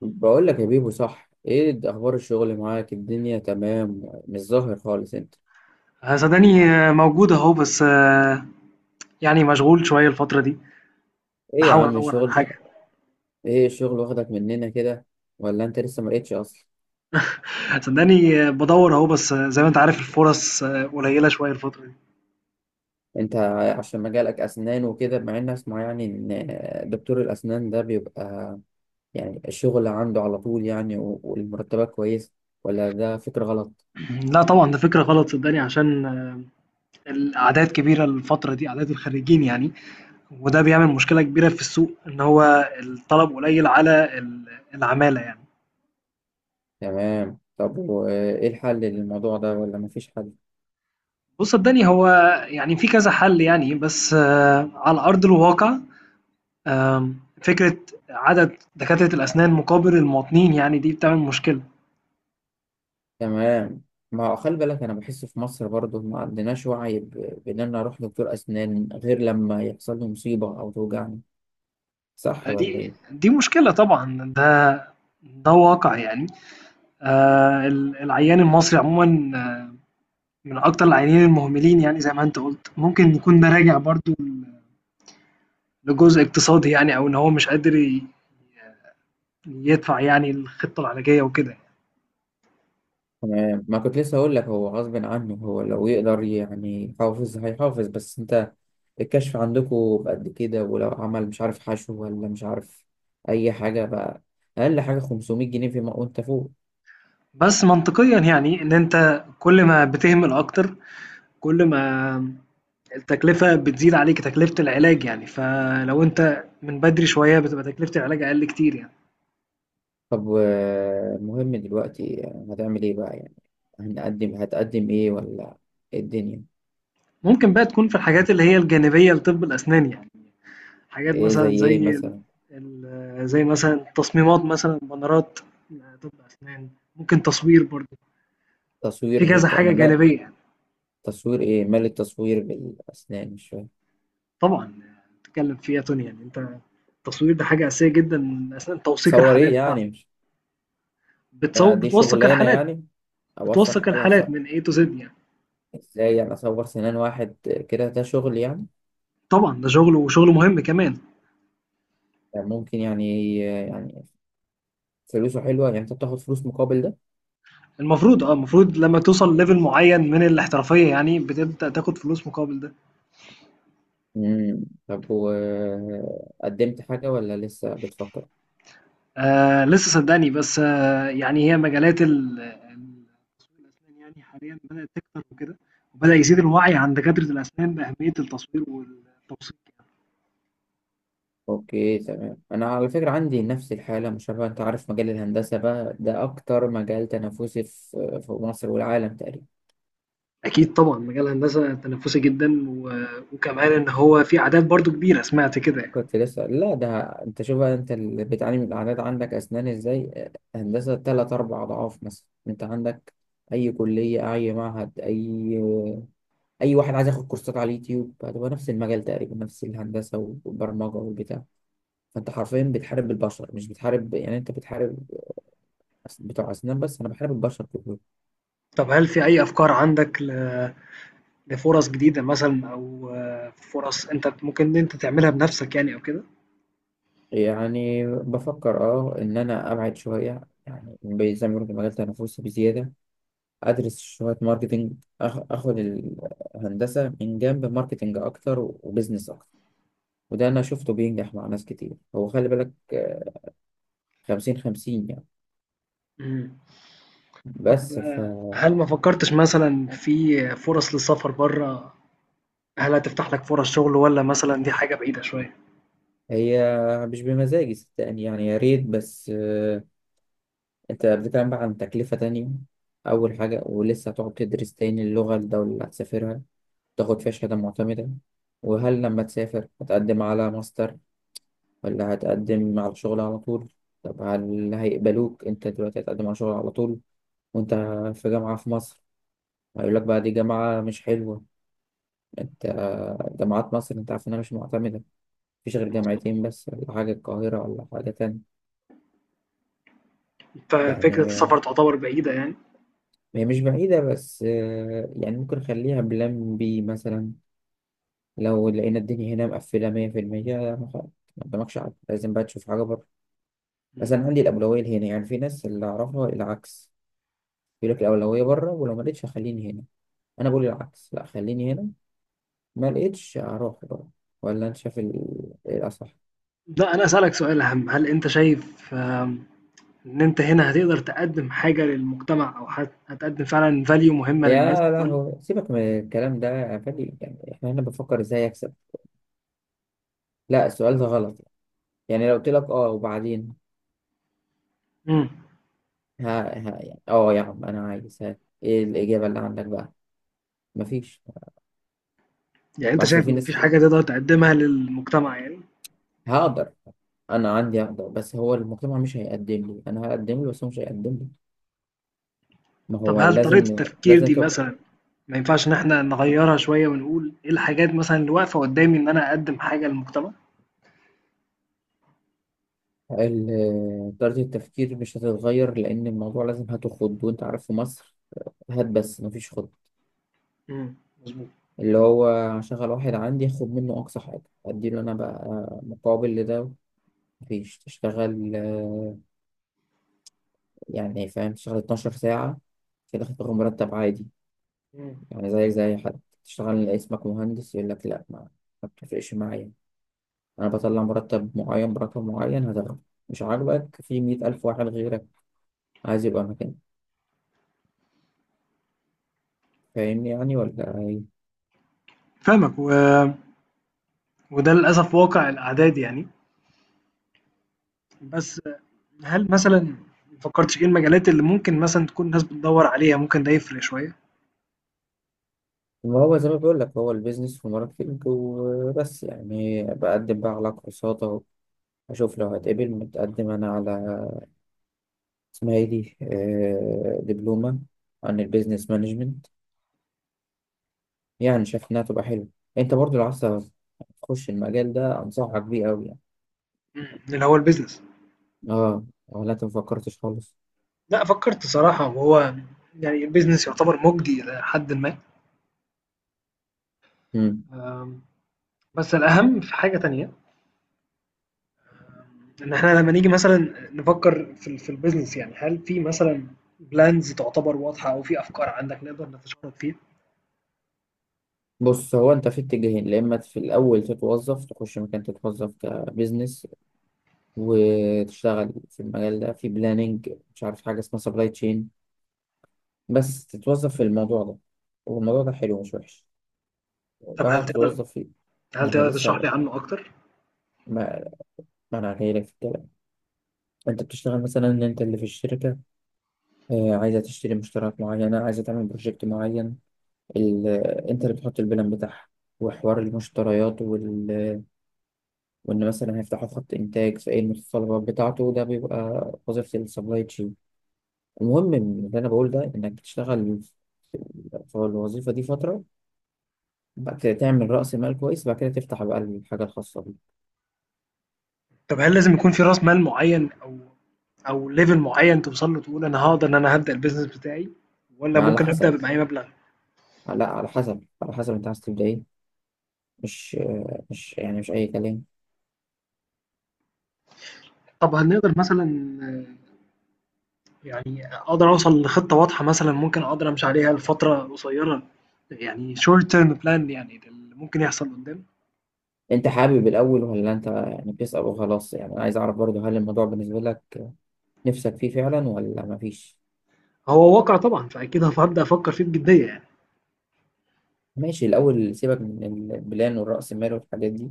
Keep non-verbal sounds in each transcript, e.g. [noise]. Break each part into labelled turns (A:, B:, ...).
A: بقول لك يا بيبو، صح؟ ايه ده، اخبار الشغل معاك؟ الدنيا تمام؟ مش ظاهر خالص انت.
B: صدقني موجود اهو بس يعني مشغول شوية الفترة دي.
A: ايه يا
B: بحاول
A: عم
B: ادور على
A: الشغل ده؟
B: حاجة.
A: ايه الشغل واخدك مننا كده، ولا انت لسه ما لقيتش اصلا؟
B: صدقني بدور اهو بس زي ما انت عارف الفرص قليلة شوية الفترة دي.
A: انت عشان مجالك اسنان وكده، مع ان اسمع يعني، ان دكتور الاسنان ده بيبقى يعني الشغل عنده على طول يعني، والمرتبات كويسه، ولا ده فكرة غلط؟
B: [clears throat] لا طبعا ده فكرة غلط، صدقني عشان الأعداد كبيرة الفترة دي، أعداد الخريجين يعني، وده بيعمل مشكلة كبيرة في السوق إن هو الطلب قليل على العمالة يعني.
A: تمام. طب وايه الحل للموضوع ده، ولا مفيش حل؟
B: بص صدقني هو يعني في كذا حل يعني بس على أرض الواقع. فكرة عدد دكاترة الأسنان مقابل المواطنين يعني دي بتعمل مشكلة.
A: تمام. ما هو خلي بالك، انا بحس في مصر برضه ما عندناش وعي بان انا اروح دكتور اسنان غير لما يحصل لي مصيبه او توجعني. صح ولا
B: دي
A: ايه؟
B: دي مشكلة طبعا، ده واقع يعني. العيان المصري عموما، آه، من أكتر العيانين المهملين يعني. زي ما أنت قلت، ممكن يكون ده راجع برضو لجزء اقتصادي يعني، أو إن هو مش قادر يدفع يعني الخطة العلاجية وكده.
A: تمام. ما كنت لسه اقول لك، هو غصب عنه، هو لو يقدر يعني يحافظ هيحافظ. بس انت الكشف عندكم بقد كده؟ ولو عمل مش عارف حشو، ولا مش عارف اي حاجه بقى، اقل حاجه 500 جنيه فيما وانت فوق.
B: بس منطقيا يعني إن أنت كل ما بتهمل أكتر كل ما التكلفة بتزيد عليك، تكلفة العلاج يعني، فلو أنت من بدري شوية بتبقى تكلفة العلاج أقل كتير يعني.
A: طب المهم دلوقتي هتعمل ايه بقى يعني؟ هنقدم، هتقدم ايه، ولا إيه الدنيا؟
B: ممكن بقى تكون في الحاجات اللي هي الجانبية لطب الأسنان يعني، حاجات
A: ايه زي
B: مثلًا
A: ايه
B: زي ال
A: مثلا؟
B: ال زي مثلًا تصميمات، مثلًا بانرات لطب أسنان، ممكن تصوير برضه، في
A: تصوير،
B: كذا
A: ت-
B: حاجة
A: انا ما
B: جانبية يعني.
A: تصوير ايه؟ مال التصوير بالاسنان؟ مش فاهم.
B: طبعًا بتتكلم فيها دنيا يعني أنت. التصوير ده حاجة أساسية جدًا أثناء توثيق
A: صور
B: الحالات
A: ايه يعني؟
B: بتاعتك،
A: مش ده، دي
B: بتوثق
A: شغلانه
B: الحالات،
A: يعني؟ ابصك
B: بتوثق
A: على
B: الحالات من A to Z يعني.
A: ازاي يعني اصور سنان واحد كده؟ ده شغل يعني؟
B: طبعًا ده شغل، وشغل مهم كمان.
A: يعني ممكن يعني يعني فلوسه حلوه يعني؟ انت بتاخد فلوس مقابل ده؟
B: المفروض المفروض لمّا توصل level معيّن من الاحترافية يعني بتبدأ تاخد فلوس مقابل ده.
A: امم، طب وقدمت حاجه ولا لسه بتفكر؟
B: لسه صدّقني، بس آه يعني هي مجالات التسويق الأسنان يعني حاليًا بدأت تكتر وكده، وبدأ يزيد الوعي عند دكاترة الأسنان بأهمية التصوير والتوثيق يعني.
A: اوكي، تمام. انا على فكره عندي نفس الحاله، مش عارف، انت عارف مجال الهندسه بقى ده اكتر مجال تنافسي في في مصر والعالم تقريبا.
B: أكيد طبعًا مجال هندسة تنافسي جدًا، وكمان إن هو في أعداد برضه كبيرة سمعت كده يعني.
A: كنت لسه، لا ده، انت شوف بقى، انت اللي بتعاني من الاعداد عندك اسنان، ازاي هندسه؟ تلات اربع اضعاف مثلا، انت عندك اي كليه، اي معهد، اي اي واحد عايز ياخد كورسات على اليوتيوب هتبقى نفس المجال تقريبا، نفس الهندسه والبرمجه والبتاع. فانت حرفيا بتحارب البشر، مش بتحارب يعني، انت بتحارب بتوع اسنان بس، انا بحارب البشر كلهم.
B: طب هل في أي أفكار عندك لفُرَص جديدة مثلًا، أو فُرَص أنت ممكن إن أنت تعملها بنفسك يعني أو كده؟
A: يعني بفكر اه ان انا ابعد شويه يعني، زي ما بيقولوا في المجال تنافسي بزياده. ادرس شويه ماركتنج، اخد الهندسه من جنب، ماركتنج اكتر وبزنس اكتر. وده انا شفته بينجح مع ناس كتير. هو خلي بالك، 50/50 يعني.
B: إمم. ب
A: بس ف،
B: هل ما فكّرتش مثلًا في فرص للسفر برّه، هل هتفتح لك فرص شغل والّا مثلًا دي حاجة بعيدة شوية؟
A: هي مش بمزاجي صدقني يعني، يا ريت، بس انت بتتكلم بقى عن تكلفة تانية. أول حاجة ولسه هتقعد تدرس تاني اللغة، الدولة اللي هتسافرها تاخد فيها شهادة معتمدة. وهل لما تسافر هتقدم على ماستر، ولا هتقدم على شغل على طول؟ طب هل هيقبلوك انت دلوقتي هتقدم على شغل على طول، وانت في جامعة في مصر؟ هيقول لك بقى دي جامعة مش حلوة. انت جامعات مصر انت عارف انها مش معتمدة، مفيش غير
B: مضبوط.
A: جامعتين بس، ولا حاجة، القاهرة ولا حاجة تانية.
B: ففكرة السفر
A: يعني
B: تعتبر بعيدة يعني؟
A: هي مش بعيدة، بس يعني ممكن نخليها بلان بي مثلا، لو لقينا الدنيا هنا مقفلة 100%، ما قدامكش عقل، لازم بقى تشوف حاجة بره. بس
B: إمم.
A: أنا عندي الأولوية هنا يعني. في ناس اللي أعرفها العكس، يقول لك الأولوية بره، ولو ما لقيتش خليني هنا. أنا بقول العكس، لا خليني هنا، ما لقيتش هروح بره. ولا أنت شايف إيه الأصح؟
B: لأ، أنا هاسألك سؤال أهم، هل أنت شايف إن أنت هنا هتقدر تقدّم حاجة للمجتمع، أو هتقدّم فعلًا value مهمة للناس
A: يا
B: والّا؟
A: لهوي، سيبك من الكلام ده يا فادي، يعني إحنا هنا بنفكر إزاي أكسب. لا السؤال ده غلط، يعني لو قلت لك أه، وبعدين؟
B: إمم،
A: ها ها، يعني أه يا عم أنا عايز ها، إيه الإجابة اللي عندك بقى؟ مفيش.
B: يعني
A: ما
B: أنت
A: أصل
B: شايف
A: في
B: ما
A: ناس
B: فيش
A: كده.
B: حاجة تقدر تقدّمها للمجتمع يعني؟
A: هقدر، أنا عندي أقدر، بس هو المجتمع مش هيقدم لي، أنا هقدم له بس هو مش هيقدم لي. ما
B: طب
A: هو
B: هل طريقة
A: لازم،
B: التفكير دي
A: تبقى
B: مثلًا ما ينفعش إن إحنا نغيّرها شوية ونقول إيه الحاجات مثلًا اللي واقفة قدّامي إن أنا أقدّم حاجة للمجتمع؟
A: طريقة التفكير مش هتتغير، لأن الموضوع لازم هات وخد، وأنت عارف في مصر هات بس مفيش خد.
B: إمم، مضبوط،
A: اللي هو هشغل واحد عندي، هاخد منه أقصى حاجة، أديله أنا بقى مقابل لده. مفيش، تشتغل يعني فاهم، تشتغل 12 ساعة في الآخر تاخد مرتب عادي.
B: إمم.
A: يعني زي زي حد تشتغل اسمك مهندس، يقول لك لأ، ما ما بتفرقش معايا، أنا بطلع مرتب معين برقم معين هتاخده، مش عاجبك في 100 ألف واحد غيرك عايز يبقى مكانك. فاهمني يعني ولا إيه؟
B: فاهمك، وده للأسف واقع الأعداد يعني. بس هل مثلًا ما فكّرتش إيه المجالات اللي ممكن مثلًا تكون الناس بتدوّر عليها، ممكن ده يفرق شوية؟
A: ما هو زي ما بقول لك، هو البيزنس وماركتنج وبس يعني. بقدم بقى على كورسات اهو، اشوف لو هتقبل. متقدم انا على، اسمها ايه دي، دبلومة عن البيزنس مانجمنت. يعني شايف انها تبقى حلوة. انت برضو لو عايز تخش المجال ده انصحك بيه قوي يعني.
B: إمم. اللي هو الbusiness.
A: اه، ولا انت مفكرتش خالص؟
B: لأ فكّرت صراحة، وهو يعني الbusiness يعتبر مُجدي إلى حدٍ ما.
A: مم.
B: آمم، بس الأهم في حاجة تانية، ان احنا لما نيجي مثلا نفكر في البيزنس يعني، هل في مثلا بلانز تعتبر واضحه او في افكار عندك نقدر نتشارك فيها؟
A: بص، هو انت في اتجاهين، يا اما في الاول تتوظف، تخش مكان تتوظف كبيزنس، وتشتغل في المجال ده، في بلاننج، مش عارف حاجه اسمها سبلاي تشين، بس تتوظف في الموضوع ده. والموضوع ده حلو مش وحش
B: طب
A: بعد
B: هل
A: ما
B: تقدر
A: تتوظف فيه. ما
B: هل
A: انا
B: تقدر تشرح
A: لسه،
B: لي عنه اكتر؟
A: ما, ما انا جاي لك في الكلام. انت بتشتغل مثلا ان انت اللي في الشركه عايزه تشتري مشتريات معينه، عايزه تعمل بروجكت معين، ال... آه، انت اللي بتحط البلان بتاعها، وحوار المشتريات وان مثلا هيفتحوا خط انتاج، في ايه المتطلبات بتاعته، ده بيبقى وظيفه السبلاي تشين. المهم إن اللي انا بقول ده، انك تشتغل في في الوظيفه دي فتره، بعد كده تعمل رأس مال كويس، بعد كده تفتح بقى الحاجة الخاصة بيك.
B: طب هل لازم يكون في راس مال معين، او او ليفل معين توصل له تقول انا هقدر ان انا هبدا البيزنس بتاعي، ولا
A: ما على
B: ممكن ابدا
A: حسب،
B: بأي مبلغ؟
A: لا على حسب، على حسب انت عايز تبدأ ايه. مش مش يعني، مش أي كلام.
B: طب هنقدر مثلا، آه، يعني اقدر اوصل لخطه واضحه مثلا ممكن اقدر امشي عليها لفتره قصيره، يعني شورت تيرم بلان يعني، ده اللي ممكن يحصل قدام.
A: انت حابب الأول، ولا انت يعني بتسأل وخلاص؟ يعني أنا عايز أعرف برضه، هل الموضوع بالنسبة لك نفسك فيه فعلا ولا مفيش؟
B: هو واقع طبعًا، فأكيد هابدأ أفكّر فيه بجدية يعني.
A: ماشي. الأول سيبك من البلان والرأس المال والحاجات دي،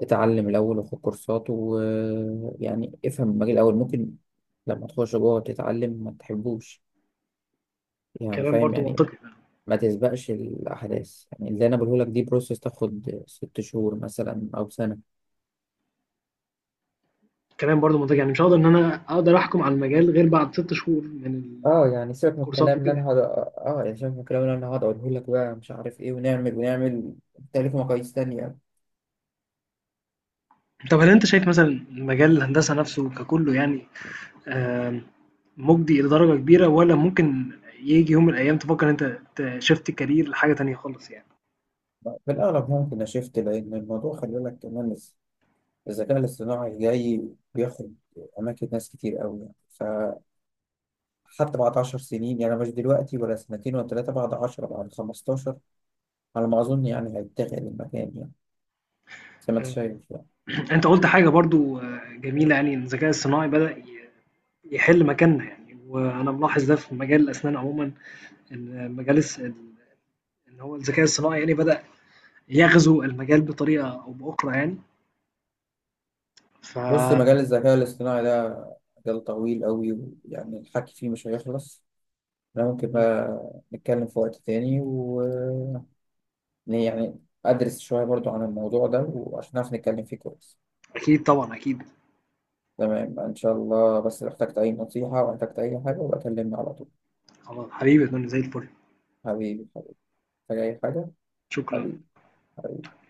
A: اتعلم الأول وخد كورسات، ويعني افهم المجال الأول. ممكن لما تخش جوه تتعلم ما تحبوش يعني،
B: كلام
A: فاهم
B: برضه
A: يعني؟
B: منطقي فعلًا.
A: ما تسبقش الأحداث، يعني اللي أنا بقوله لك دي بروسيس تاخد 6 شهور مثلا أو سنة.
B: كلام برضه منطقي، يعني مش هاقدر إن أنا أقدر أحكُم على المجال غير بعد 6 شهور من ال
A: اه يعني، سيبك من
B: الكورسات
A: الكلام اللي
B: وكده
A: انا
B: يعني.
A: هقعد اه يعني، شايف الكلام اللي أنا هقعد أقوله لك بقى، مش عارف إيه ونعمل ونعمل، تالف مقاييس تانية.
B: طَب هل أنت شايف مثلًا مجال الهندسة نَفْسه ككُلّه يعني آمم مُجدي إلى درجة كبيرة، والّا ممكن ييجي يوم من الأيام تفكّر إن أنت shift career لحاجة تانية خالص يعني؟
A: في الأغلب ممكن أشفت، لأن الموضوع خلي بالك كمان الذكاء الاصطناعي جاي بياخد أماكن ناس كتير أوي يعني. فحتى بعد 10 سنين، يعني مش دلوقتي ولا سنتين ولا 3، بعد 10، بعد 15، على ما أظن يعني هيتغير المكان يعني، زي ما أنت
B: آآ
A: شايف يعني.
B: أنت قُلت حاجة برضه جميلة يعني، إن الذكاء الصناعي بدأ يحِل مكاننا يعني، وأنا ملاحظ ده في مجال الأسنان عمومًا، إن مجال الس ال اللي هو الذكاء الصناعي يعني بدأ يغزو المجال بطريقة أو بأخرى يعني.
A: بص،
B: فأكيد
A: مجال الذكاء الاصطناعي ده مجال طويل قوي، ويعني الحكي فيه مش هيخلص. انا ممكن بقى نتكلم في وقت تاني، و يعني ادرس شوية برضو عن الموضوع ده، وعشان نعرف نتكلم فيه كويس.
B: طبعا أكيد.
A: تمام، ان شاء الله. بس لو احتجت اي نصيحة، او احتجت اي حاجة، بكلمني على طول.
B: خلاص حبيبي يا فندم، زي الفل.
A: حبيبي، حبيبي، محتاج اي حاجة.
B: شكرا.
A: حبيبي، حبيبي.